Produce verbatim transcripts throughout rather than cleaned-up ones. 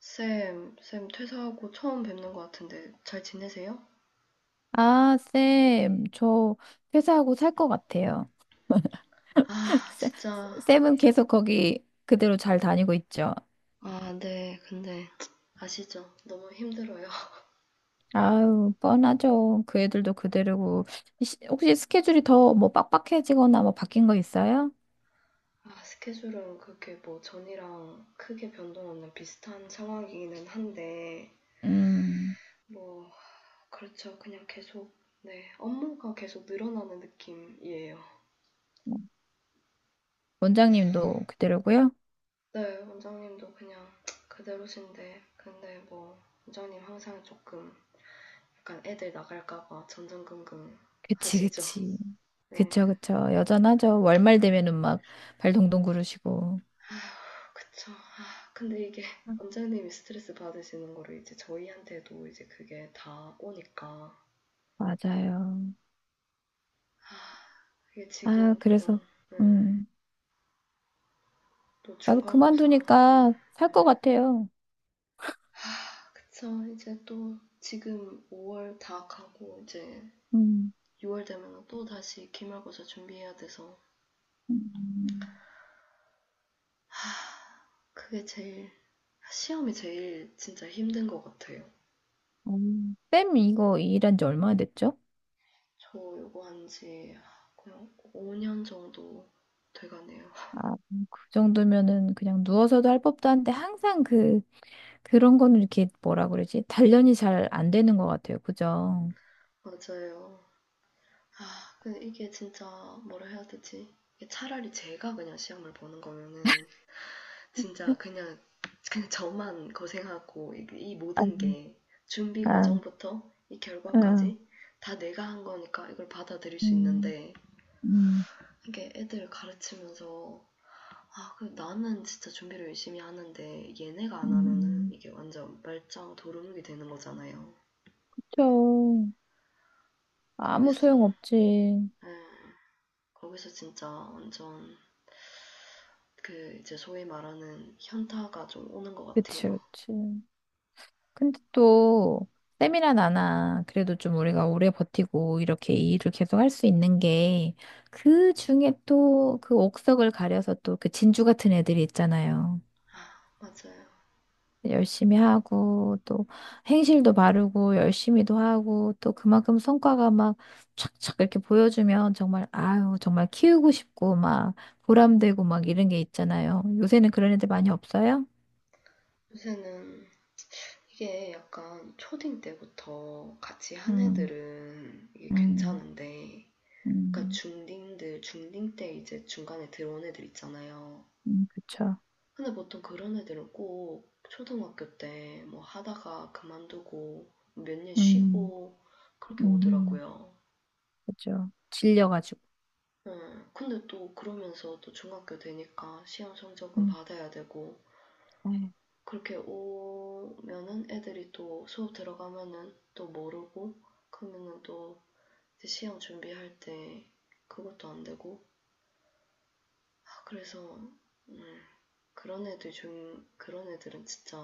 쌤, 쌤 퇴사하고 처음 뵙는 것 같은데 잘 지내세요? 아, 쌤, 저 퇴사하고 살 것 같아요. 아, 쌤- 진짜. 쌤은 계속 거기 그대로 잘 다니고 있죠. 아, 네. 근데 아시죠? 너무 힘들어요. 아유, 뻔하죠. 그 애들도 그대로고. 시- 혹시 스케줄이 더 뭐 빡빡해지거나 뭐 바뀐 거 있어요? 아, 스케줄은 그렇게 뭐 전이랑 크게 변동 없는 비슷한 상황이기는 한데 음, 뭐 그렇죠. 그냥 계속 네, 업무가 계속 늘어나는 느낌이에요. 뭐 원장님도 그대로고요. 네, 원장님도 그냥 그대로신데 근데 뭐 원장님 항상 조금 약간 애들 나갈까 봐 전전긍긍 그치, 하시죠. 그치. 네. 그쵸, 그쵸. 여전하죠. 월말 되면은 막 발 동동 구르시고. 그쵸. 아, 근데 이게 원장님이 스트레스 받으시는 거를 이제 저희한테도 이제 그게 다 오니까 맞아요. 이게 아, 지금 또, 그래서, 음, 음, 또 나도 중간고사, 음, 그만두니까 살 것 음. 같아요. 그쵸. 이제 또 지금 오월 다 가고 이제 음. 유월 되면 또 다시 기말고사 준비해야 돼서 음, 그게 제일 시험이 제일 진짜 힘든 것 같아요. 음, 쌤 이거 일한 지 얼마나 됐죠? 저 요거 한지 그냥 오 년 정도 돼가네요. 아, 그 정도면은 그냥 누워서도 할 법도 한데 항상 그 그런 거는 이렇게 뭐라 그러지? 단련이 잘 안 되는 것 같아요. 그죠? 맞아요. 아, 근데 이게 진짜 뭐라 해야 되지? 이게 차라리 제가 그냥 시험을 보는 거면은 진짜 그냥 그냥 저만 고생하고 이, 이 아, 모든 게 준비 아, 과정부터 이 아. 결과까지 다 내가 한 거니까 이걸 받아들일 수 음, 있는데 음, 이게 애들 가르치면서 아, 그 나는 진짜 준비를 열심히 하는데 얘네가 안 하면은 음. 이게 완전 말짱 도루묵이 되는 거잖아요. 그쵸. 아무 거기서 소용 없지. 예, 거기서 진짜 완전 그 이제 소위 말하는 현타가 좀 오는 것 그치, 같아요. 그치. 근데 또 쌤이나 나나 그래도 좀 우리가 오래 버티고 이렇게 이 일을 계속 할 수 있는 게 그 중에 또 그 옥석을 가려서 또 그 진주 같은 애들이 있잖아요. 아, 맞아요. 열심히 하고 또 행실도 바르고 열심히도 하고 또 그만큼 성과가 막 착착 이렇게 보여주면 정말 아유 정말 키우고 싶고 막 보람되고 막 이런 게 있잖아요. 요새는 그런 애들 많이 없어요? 요새는 이게 약간 초딩 때부터 같이 한 음, 애들은 이게 음, 괜찮은데, 그러니까 음, 중딩들, 중딩 때 이제 중간에 들어온 애들 있잖아요. 음, 그쵸. 근데 보통 그런 애들은 꼭 초등학교 때 뭐 하다가 그만두고 몇 년 음. 쉬고 그렇게 음, 오더라고요. 그죠. 질려가지고. 응. 근데 또 그러면서 또 중학교 되니까 시험 성적은 음, 받아야 되고 네. 그렇게 오면은 애들이 또 수업 들어가면은 또 모르고 그러면은 또 이제 시험 준비할 때 그것도 안 되고 아, 그래서 음, 그런 애들 중 그런 애들은 진짜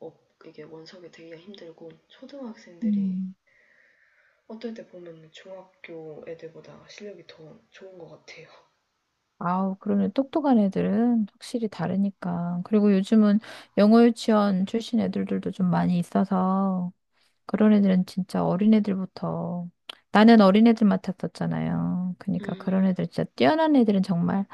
업 이게 원석이 되기가 힘들고 초등학생들이 음. 어떨 때 보면 중학교 애들보다 실력이 더 좋은 것 같아요. 아우, 그러면 똑똑한 애들은 확실히 다르니까. 그리고 요즘은 영어 유치원 출신 애들도 좀 많이 있어서 그런 애들은 진짜 어린애들부터 나는 어린애들 맡았었잖아요. 그러니까 음, 그런 애들 진짜 뛰어난 애들은 정말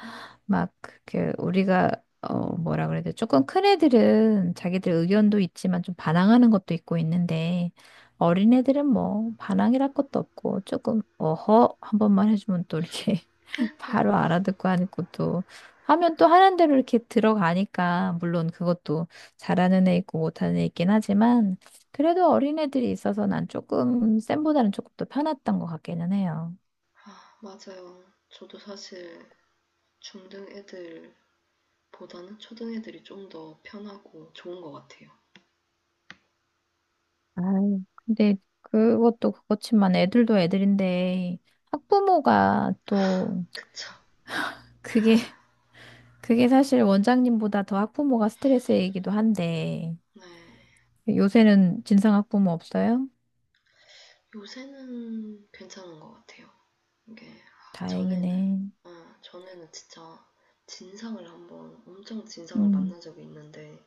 막 그게 우리가 어 뭐라 그래야 돼? 조금 큰 애들은 자기들 의견도 있지만 좀 반항하는 것도 있고 있는데 어린애들은 뭐 반항이랄 것도 없고 조금 어허 한 번만 해주면 또 이렇게 바로 알아듣고 하니까 또 하면 또 하는 대로 이렇게 들어가니까 물론 그것도 잘하는 애 있고 못하는 애 있긴 하지만 그래도 어린애들이 있어서 난 조금 쌤보다는 조금 더 편했던 것 같기는 해요. 아, 맞아요. 저도 사실 중등 애들보다는 초등 애들이 좀 더 편하고 좋은 것 같아요. 아, 근데 그것도 그렇지만 애들도 애들인데 학부모가 또 그쵸. 그게 그게 사실 원장님보다 더 학부모가 스트레스이기도 한데 네. 요새는 진상 학부모 없어요? 요새는 괜찮은 것 같아요. 이게 아, 전에는 다행이네. 아, 전에는 진짜 진상을 한번 엄청 진상을 음, 만난 적이 있는데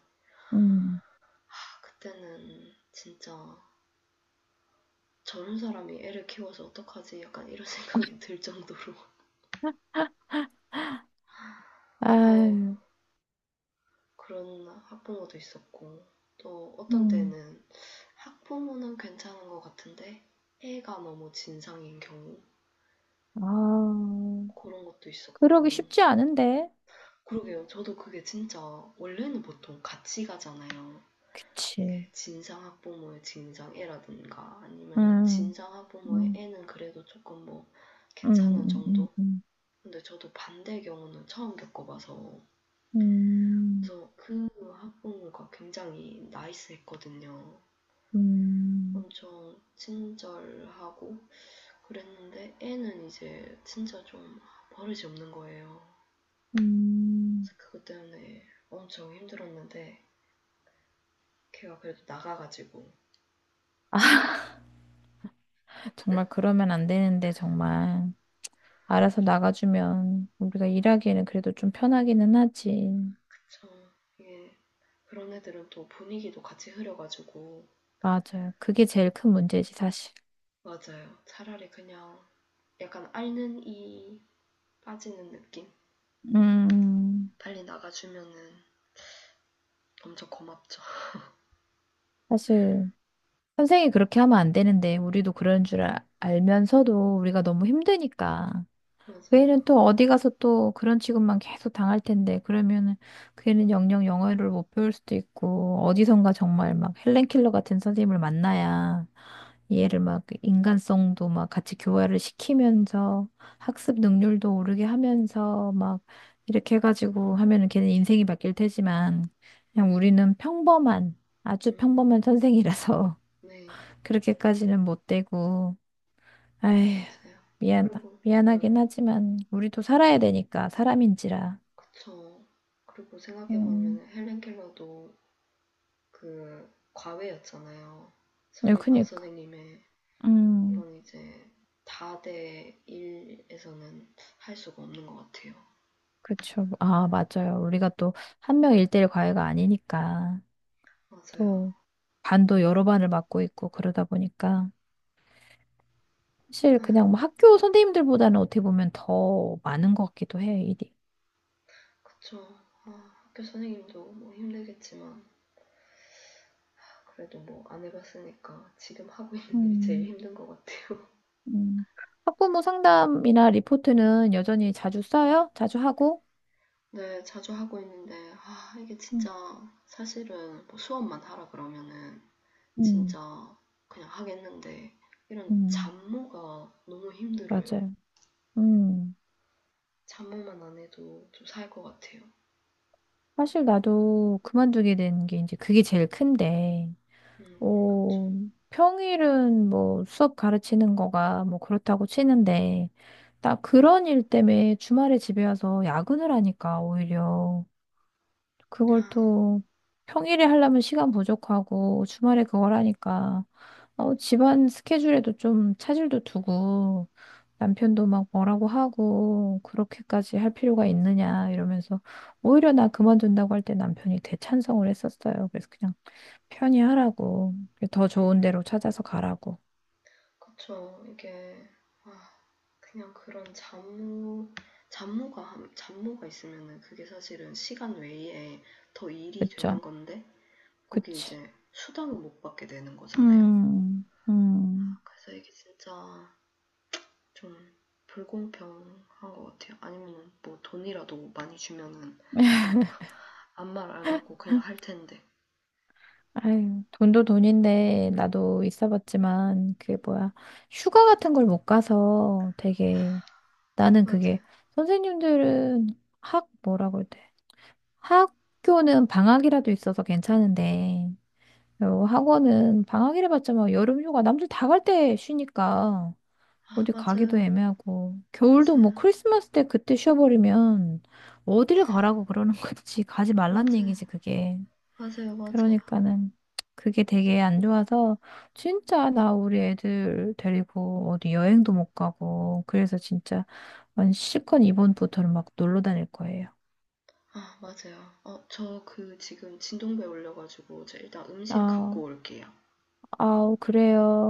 음, 아, 그때는 진짜 저런 사람이 애를 키워서 어떡하지 약간 이런 생각이 들 정도로 아우 아유, 그런 학부모도 있었고 또 어떤 음, 때는 학부모는 괜찮은 것 같은데 애가 너무 진상인 경우 아, 그런 것도 그러기 있었고 쉽지 않은데, 그러게요. 저도 그게 진짜 원래는 보통 같이 가잖아요. 그치? 예, 진상 학부모의 진상 애라든가 아니면은 음, 진상 학부모의 음, 애는 그래도 조금 뭐 음, 괜찮은 음, 음. 정도? 음. 근데 저도 반대의 경우는 처음 겪어봐서 음, 그래서 그 학부모가 굉장히 나이스했거든요. 음, 엄청 친절하고 그랬는데 애는 이제 진짜 좀 버릇이 없는 거예요. 음. 그래서 그것 때문에 엄청 힘들었는데 걔가 그래도 나가가지고 정말 그러면 안 되는데, 정말. 알아서 나가주면 우리가 일하기에는 그래도 좀 편하기는 하지. 그쵸. 이게 그런 애들은 또 분위기도 같이 흐려가지고 맞아요. 그게 제일 큰 문제지, 사실. 맞아요. 차라리 그냥 약간 앓는 이 빠지는 느낌? 음, 빨리 나가주면은 엄청 고맙죠. 사실, 선생이 그렇게 하면 안 되는데, 우리도 그런 줄 아- 알면서도 우리가 너무 힘드니까. 그 애는 맞아요. 또 어디 가서 또 그런 취급만 계속 당할 텐데, 그러면은 그 애는 영영 영어를 못 배울 수도 있고, 어디선가 정말 막 헬렌 킬러 같은 선생님을 만나야 얘를 막 인간성도 막 같이 교화를 시키면서 학습 능률도 오르게 하면서 막 이렇게 해가지고 하면은 걔는 인생이 바뀔 테지만, 네, 그냥 우리는 평범한, 아주 음, 평범한 선생이라서 네, 그렇게까지는 못 되고, 아휴, 맞아요. 미안, 그리고, 음, 미안하긴 하지만, 우리도 살아야 되니까, 사람인지라. 그쵸. 그리고 음, 생각해보면 헬렌 켈러도 그 과외였잖아요. 네, 설리반 그니까. 선생님의 음, 이건 이제 다대 일에서는 할 수가 없는 것 같아요. 그쵸. 아, 맞아요. 우리가 또, 한 명 일대일 과외가 아니니까, 맞아요. 또, 반도 여러 반을 맡고 있고, 그러다 보니까, 사실 그냥 뭐 학교 선생님들보다는 어떻게 보면 더 많은 것 같기도 해, 일이. 그쵸. 아, 학교 선생님도 뭐 힘들겠지만 그래도 뭐 안 해봤으니까 지금 하고 있는 일이 제일 음, 힘든 것 같아요. 음, 학부모 상담이나 리포트는 여전히 자주 써요? 자주 하고? 네, 자주 하고 있는데 아, 이게 음, 진짜 사실은 뭐 수업만 하라 그러면은 음. 진짜 그냥 하겠는데 이런 음. 음, 잡무가 너무 힘들어요. 맞아요. 음. 잡무만 안 해도 좀 살 것 같아요. 사실 나도 그만두게 된 게 이제 그게 제일 큰데, 음, 어, 평일은 뭐 수업 가르치는 거가 뭐 그렇다고 치는데, 나 그런 일 때문에 주말에 집에 와서 야근을 하니까 오히려 그걸 또 평일에 하려면 시간 부족하고 주말에 그걸 하니까 어, 집안 스케줄에도 좀 차질도 두고 남편도 막 뭐라고 하고 그렇게까지 할 필요가 있느냐 이러면서 오히려 나 그만둔다고 할 때 남편이 대찬성을 했었어요. 그래서 그냥 편히 하라고 더 음, 좋은 데로 찾아서 가라고. 그쵸. 이게 아, 그냥 그런 잡무, 잡무가, 잡무가 있으면은 그게 사실은 시간 외에 더 일이 그쵸? 되는 건데, 거기 그치. 이제 수당을 못 받게 되는 거잖아요. 음, 음. 그래서 이게 진짜 좀 불공평한 것 같아요. 아니면 뭐 돈이라도 많이 주면은 그냥 아무 말 안 하고 그냥 할 텐데. 아유, 돈도 돈인데 나도 있어봤지만 그게 뭐야 휴가 같은 걸 못 가서 되게 나는 맞아요. 그게 선생님들은 학 뭐라고 해야 돼 학교는 방학이라도 있어서 괜찮은데 요 학원은 방학이라 봤자 막 여름휴가 남들 다 갈 때 쉬니까 아, 어디 가기도 맞아요. 애매하고 겨울도 뭐 맞아요. 크리스마스 때 그때 쉬어버리면 어딜 가라고 그러는 건지 가지 말란 맞아요. 얘기지 그게 맞아요. 맞아요. 그러니까는 그게 되게 안 좋아서 진짜 나 우리 애들 데리고 어디 여행도 못 가고 그래서 진짜 완 실컷 이번부터는 막 놀러 다닐 거예요. 아, 맞아요. 어, 저 그 지금 진동배 올려가지고 제가 일단 음식 아, 갖고 올게요. 아우 그래요.